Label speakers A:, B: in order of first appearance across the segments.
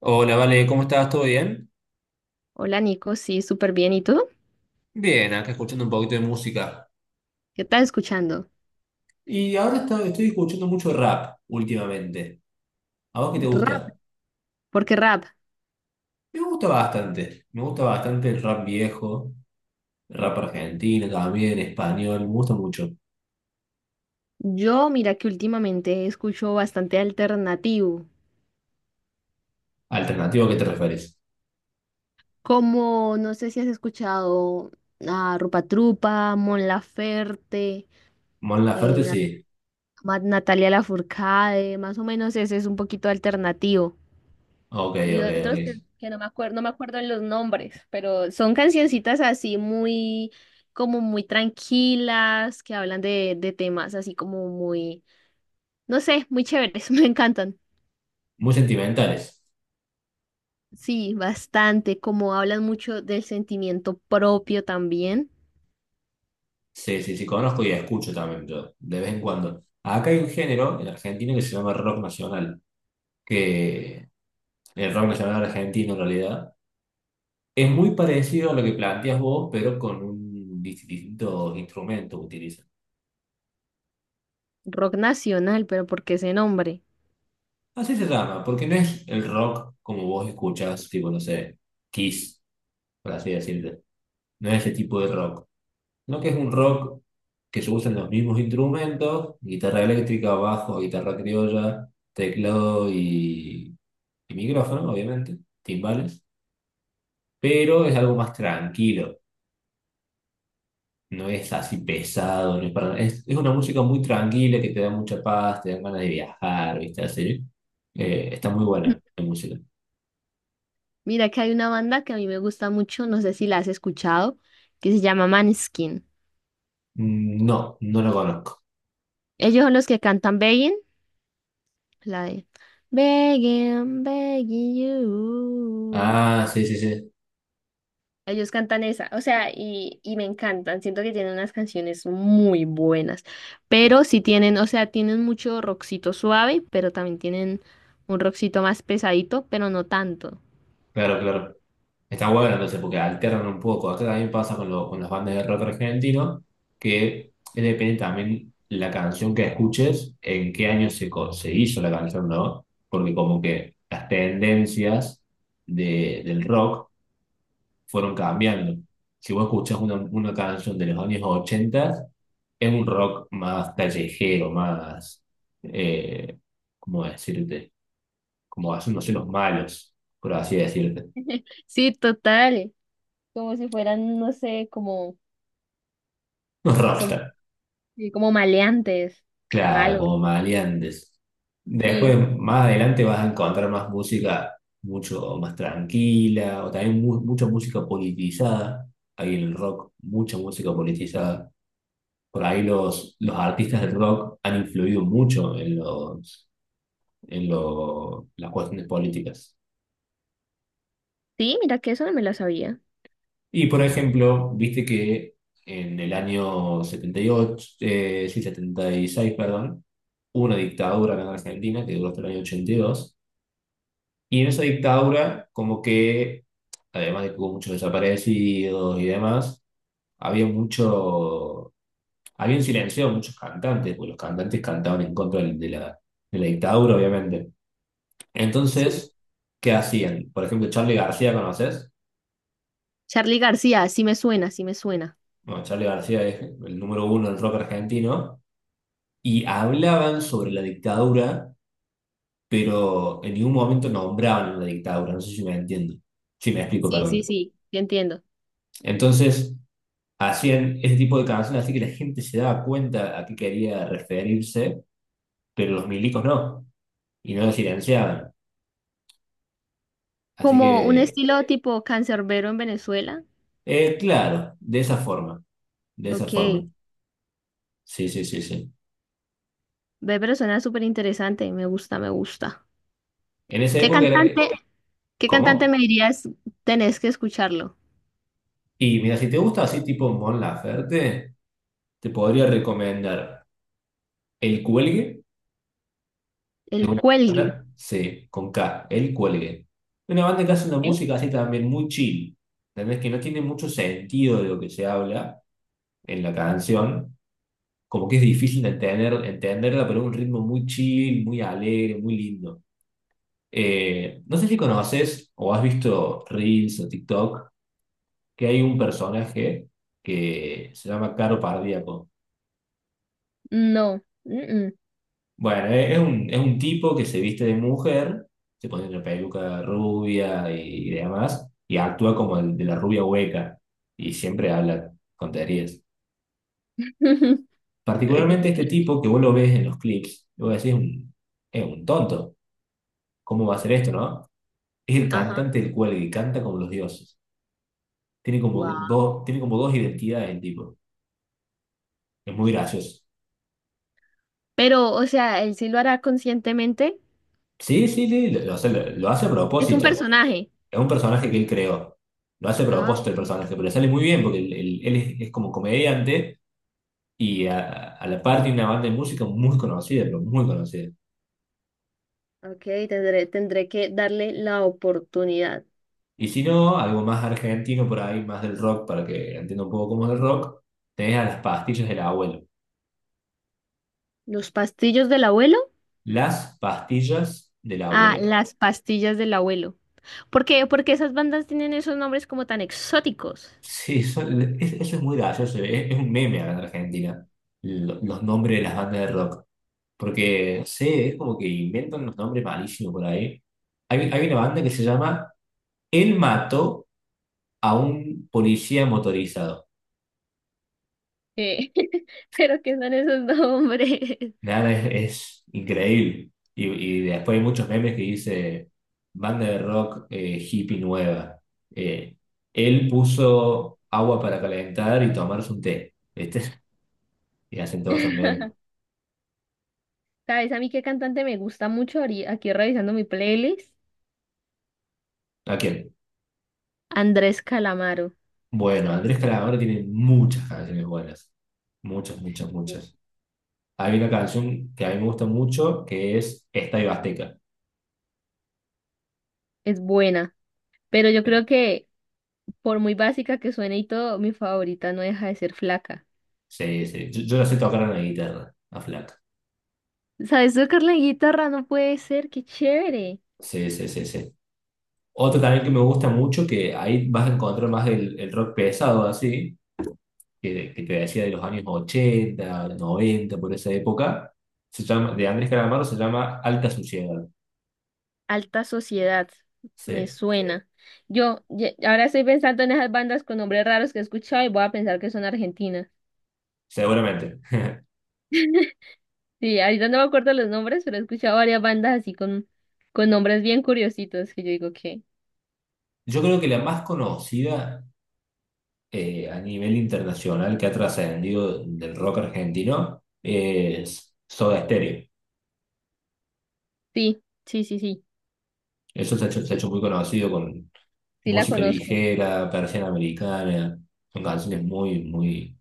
A: Hola, Vale, ¿cómo estás? ¿Todo bien?
B: Hola Nico, sí, súper bien. ¿Y tú?
A: Bien, acá escuchando un poquito de música.
B: ¿Qué estás escuchando?
A: Y ahora estoy escuchando mucho rap últimamente. ¿A vos qué te
B: Rap.
A: gusta?
B: ¿Por qué rap?
A: Me gusta bastante. Me gusta bastante el rap viejo, rap argentino también, español, me gusta mucho.
B: Yo, mira que últimamente escucho bastante alternativo.
A: ¿Alternativo a qué te refieres?
B: Como, no sé si has escuchado a Rupa Trupa, Mon Laferte,
A: Mon
B: eh,
A: Laferte,
B: Na-
A: sí.
B: Natalia Lafourcade, más o menos ese es un poquito alternativo.
A: Ok,
B: Y
A: ok,
B: otros que,
A: ok.
B: que no me acuerdo, no me acuerdo en los nombres, pero son cancioncitas así muy, como muy tranquilas, que hablan de temas así como muy. No sé, muy chéveres, me encantan.
A: Muy sentimentales.
B: Sí, bastante, como hablan mucho del sentimiento propio también.
A: Sí, sí, sí, conozco y escucho también yo, de vez en cuando. Acá hay un género en Argentina que se llama rock nacional, que el rock nacional argentino en realidad es muy parecido a lo que planteas vos, pero con distintos instrumentos que utilizan.
B: Rock nacional, pero ¿por qué ese nombre?
A: Así se llama, porque no es el rock como vos escuchás, tipo, no sé, Kiss, por así decirlo. No es ese tipo de rock. No, que es un rock que se usan los mismos instrumentos, guitarra eléctrica, bajo, guitarra criolla, teclado y micrófono, obviamente, timbales, pero es algo más tranquilo. No es así pesado, no es para... Es, es una música muy tranquila que te da mucha paz, te da ganas de viajar, ¿viste? Así. Está muy buena la música.
B: Mira que hay una banda que a mí me gusta mucho, no sé si la has escuchado, que se llama Maneskin.
A: Mm, no, no la conozco.
B: Ellos son los que cantan Begging, la de Begging, begging you.
A: Ah, sí, sí, sí.
B: Ellos cantan esa, o sea, y me encantan. Siento que tienen unas canciones muy buenas, pero sí tienen, o sea, tienen mucho rockcito suave, pero también tienen un rockcito más pesadito, pero no tanto.
A: Claro, claro. Está buena entonces porque alternan un poco. Acá también pasa con, con las bandas de rock argentino, que depende también la canción que escuches, en qué año se, se hizo la canción, ¿no? Porque como que las tendencias de, del rock fueron cambiando. Si vos escuchás una canción de los años 80, es un rock más callejero, más, eh, ¿cómo decirte? Como hacen, no sé, los malos, por así decirte.
B: Sí, total, como si fueran, no sé,
A: Los
B: como,
A: rockstar,
B: sí, como maleantes,
A: claro,
B: malos.
A: como maleantes. Después,
B: Sí,
A: más adelante vas a encontrar más música mucho más tranquila, o también mucha música politizada. Hay en el rock mucha música politizada. Por ahí los artistas del rock han influido mucho en los, en las cuestiones políticas.
B: sí, mira que eso no me lo sabía.
A: Y por ejemplo, viste que en el año 78, sí, setenta y seis, perdón, hubo una dictadura acá en Argentina que duró hasta el año 82. Y dos. Y en esa dictadura, como que, además de que hubo muchos desaparecidos y demás, había mucho, habían silenciado a muchos cantantes, porque los cantantes cantaban en contra de la dictadura, obviamente.
B: Sí,
A: Entonces, ¿qué hacían? Por ejemplo, Charly García, ¿conoces?
B: Charly García, sí me suena, sí me suena.
A: Bueno, Charly García es el número uno del rock argentino y hablaban sobre la dictadura, pero en ningún momento nombraban la dictadura, no sé si me entiendo, si me explico,
B: Sí, sí,
A: perdón.
B: sí. Sí entiendo.
A: Entonces, hacían ese tipo de canciones así que la gente se daba cuenta a qué quería referirse, pero los milicos no, y no lo silenciaban. Así
B: Como un
A: que,
B: estilo tipo cancerbero en Venezuela.
A: claro, de esa forma, de esa forma.
B: Ok.
A: Sí, sí, sí, sí.
B: Ve, pero suena súper interesante. Me gusta, me gusta.
A: En esa
B: ¿Qué
A: época era,
B: cantante, qué cantante me
A: ¿cómo?
B: dirías tenés que escucharlo?
A: Y mira, si te gusta así tipo Mon Laferte, te podría recomendar El Cuelgue, es
B: El
A: una
B: Cuelgue.
A: banda, sí, con K, El Cuelgue. Una banda que
B: Ok.
A: hace una música así también muy chill, ¿entendés? Que no tiene mucho sentido de lo que se habla en la canción, como que es difícil de entender, entenderla, pero es un ritmo muy chill, muy alegre, muy lindo. No sé si conoces o has visto Reels o TikTok, que hay un personaje que se llama Caro Pardíaco.
B: No. Mm,
A: Bueno, es un tipo que se viste de mujer, se pone una peluca rubia y demás, y actúa como el de la rubia hueca, y siempre habla tonterías.
B: mm.
A: Particularmente este tipo que vos lo ves en los clips, y vos decís, un, es un tonto, ¿cómo va a hacer esto, no? Es el
B: Ajá.
A: cantante del cual y canta como los dioses.
B: Wow.
A: Tiene como dos identidades el tipo, es muy gracioso.
B: Pero, o sea, ¿él sí lo hará conscientemente?
A: Sí, sí, sí, lo hace lo hace a
B: Es un
A: propósito.
B: personaje.
A: Es un personaje que él creó. Lo hace a
B: Ah,
A: propósito el
B: ok.
A: personaje, pero le sale muy bien porque él, él es como comediante y a la par tiene una banda de música muy conocida, pero muy conocida.
B: Ok, tendré que darle la oportunidad.
A: Y si no, algo más argentino por ahí, más del rock, para que entienda un poco cómo es el rock, tenés a Las Pastillas del Abuelo.
B: ¿Los pastillos del abuelo?
A: Las Pastillas del
B: Ah,
A: Abuelo.
B: las pastillas del abuelo. ¿Por qué? Porque esas bandas tienen esos nombres como tan exóticos.
A: Sí, eso es muy gracioso, es un meme acá en Argentina, los nombres de las bandas de rock. Porque, no sé, es como que inventan unos nombres malísimos por ahí. Hay una banda que se llama Él Mató a un Policía Motorizado.
B: Eh, pero ¿qué son esos nombres?
A: Nada, es increíble. Y después hay muchos memes que dice banda de rock hippie nueva. Eh, él puso agua para calentar y tomarse un té. ¿Viste? Y hacen todos esos memes.
B: ¿Sabes a mí qué cantante me gusta mucho? Aquí revisando mi playlist,
A: ¿A quién?
B: Andrés Calamaro.
A: Bueno, Andrés Calamaro tiene muchas canciones buenas. Muchas, muchas, muchas. Hay una canción que a mí me gusta mucho que es Estadio Azteca.
B: Es buena, pero yo
A: Eh,
B: creo que por muy básica que suene y todo, mi favorita no deja de ser flaca.
A: Sí, sí. Yo la sé tocar en la guitarra, a Flaca.
B: ¿Sabes tocar la guitarra? No puede ser, qué chévere.
A: Sí, sí, sí, sí. Otro también que me gusta mucho, que ahí vas a encontrar más el rock pesado así, que te decía de los años 80, 90 por esa época, se llama, de Andrés Calamaro, se llama Alta Suciedad.
B: Alta Sociedad, me
A: Sí,
B: suena. Ahora estoy pensando en esas bandas con nombres raros que he escuchado y voy a pensar que son argentinas.
A: seguramente.
B: Sí, ahorita no me acuerdo los nombres, pero he escuchado varias bandas así con nombres bien curiositos que yo digo que
A: Yo creo que la más conocida a nivel internacional que ha trascendido del rock argentino es Soda Stereo.
B: sí, sí, sí, sí,
A: Eso se ha
B: sí,
A: hecho muy conocido con
B: sí la
A: Música
B: conozco.
A: Ligera, Persiana Americana, son canciones muy, muy,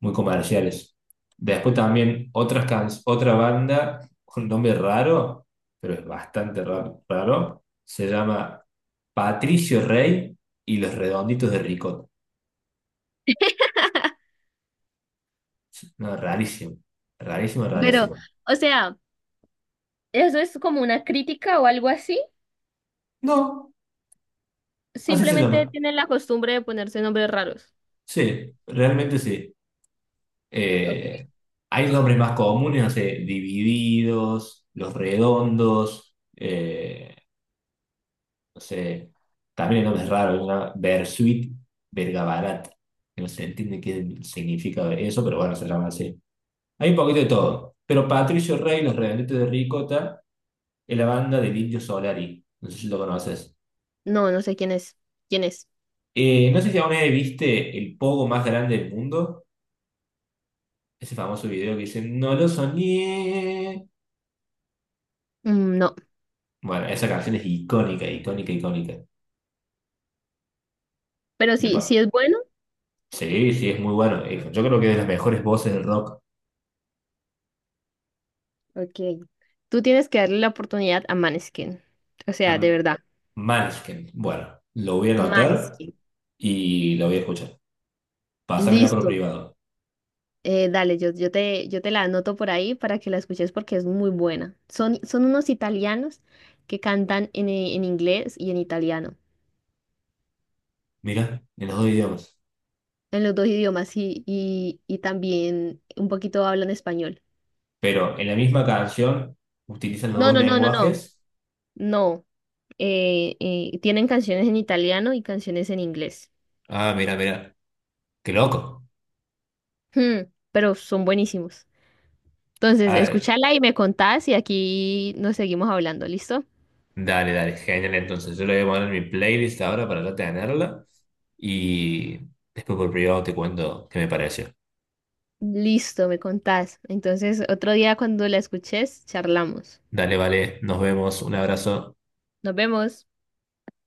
A: muy comerciales. Después también otra banda con nombre raro, pero es bastante raro, raro, se llama Patricio Rey y los Redonditos de Ricot. No, rarísimo, rarísimo,
B: Pero,
A: rarísimo.
B: o sea, ¿eso es como una crítica o algo así?
A: No, así se
B: Simplemente
A: llama.
B: tienen la costumbre de ponerse nombres raros.
A: Sí, realmente sí. Eh,
B: Ok.
A: hay nombres más comunes, no sé, Divididos, Los Redondos, no sé, también hay nombres raros, una Bersuit, Bergabarat, no se entiende qué significa eso, pero bueno, se llama así. Hay un poquito de todo, pero Patricio Rey, Los Redonditos de Ricota, es la banda del Indio Solari, no sé si lo conoces.
B: No, no sé quién es. ¿Quién es?
A: No sé si alguna vez viste el pogo más grande del mundo, ese famoso video que dice, no lo soñé.
B: Mm, no.
A: Bueno, esa canción es icónica, icónica, icónica.
B: Pero
A: De
B: sí,
A: pa-
B: sí es bueno.
A: Sí, sí, es muy bueno. Yo creo que es de las mejores voces del rock.
B: Ok. Tú tienes que darle la oportunidad a Maneskin. O sea, de
A: Am-
B: verdad.
A: Måneskin. Bueno, lo voy a anotar
B: Maneskin.
A: y lo voy a escuchar. Pásamela por
B: Listo.
A: privado.
B: Dale, yo te la anoto por ahí para que la escuches porque es muy buena. Son unos italianos que cantan en inglés y en italiano,
A: Mira, en los dos idiomas.
B: en los dos idiomas y también un poquito hablan español.
A: Pero en la misma canción utilizan los
B: No,
A: dos
B: no, no, no, no,
A: lenguajes.
B: no. Tienen canciones en italiano y canciones en inglés.
A: Ah, mira, mira. Qué loco.
B: Hmm, pero son buenísimos. Entonces,
A: Ah,
B: escúchala y me contás y aquí nos seguimos hablando, ¿listo?
A: dale, dale, genial. Entonces, yo lo voy a poner en mi playlist ahora para ya tenerla y después por privado te cuento qué me pareció.
B: Listo, me contás. Entonces, otro día cuando la escuches, charlamos.
A: Dale, vale, nos vemos, un abrazo.
B: Nos vemos.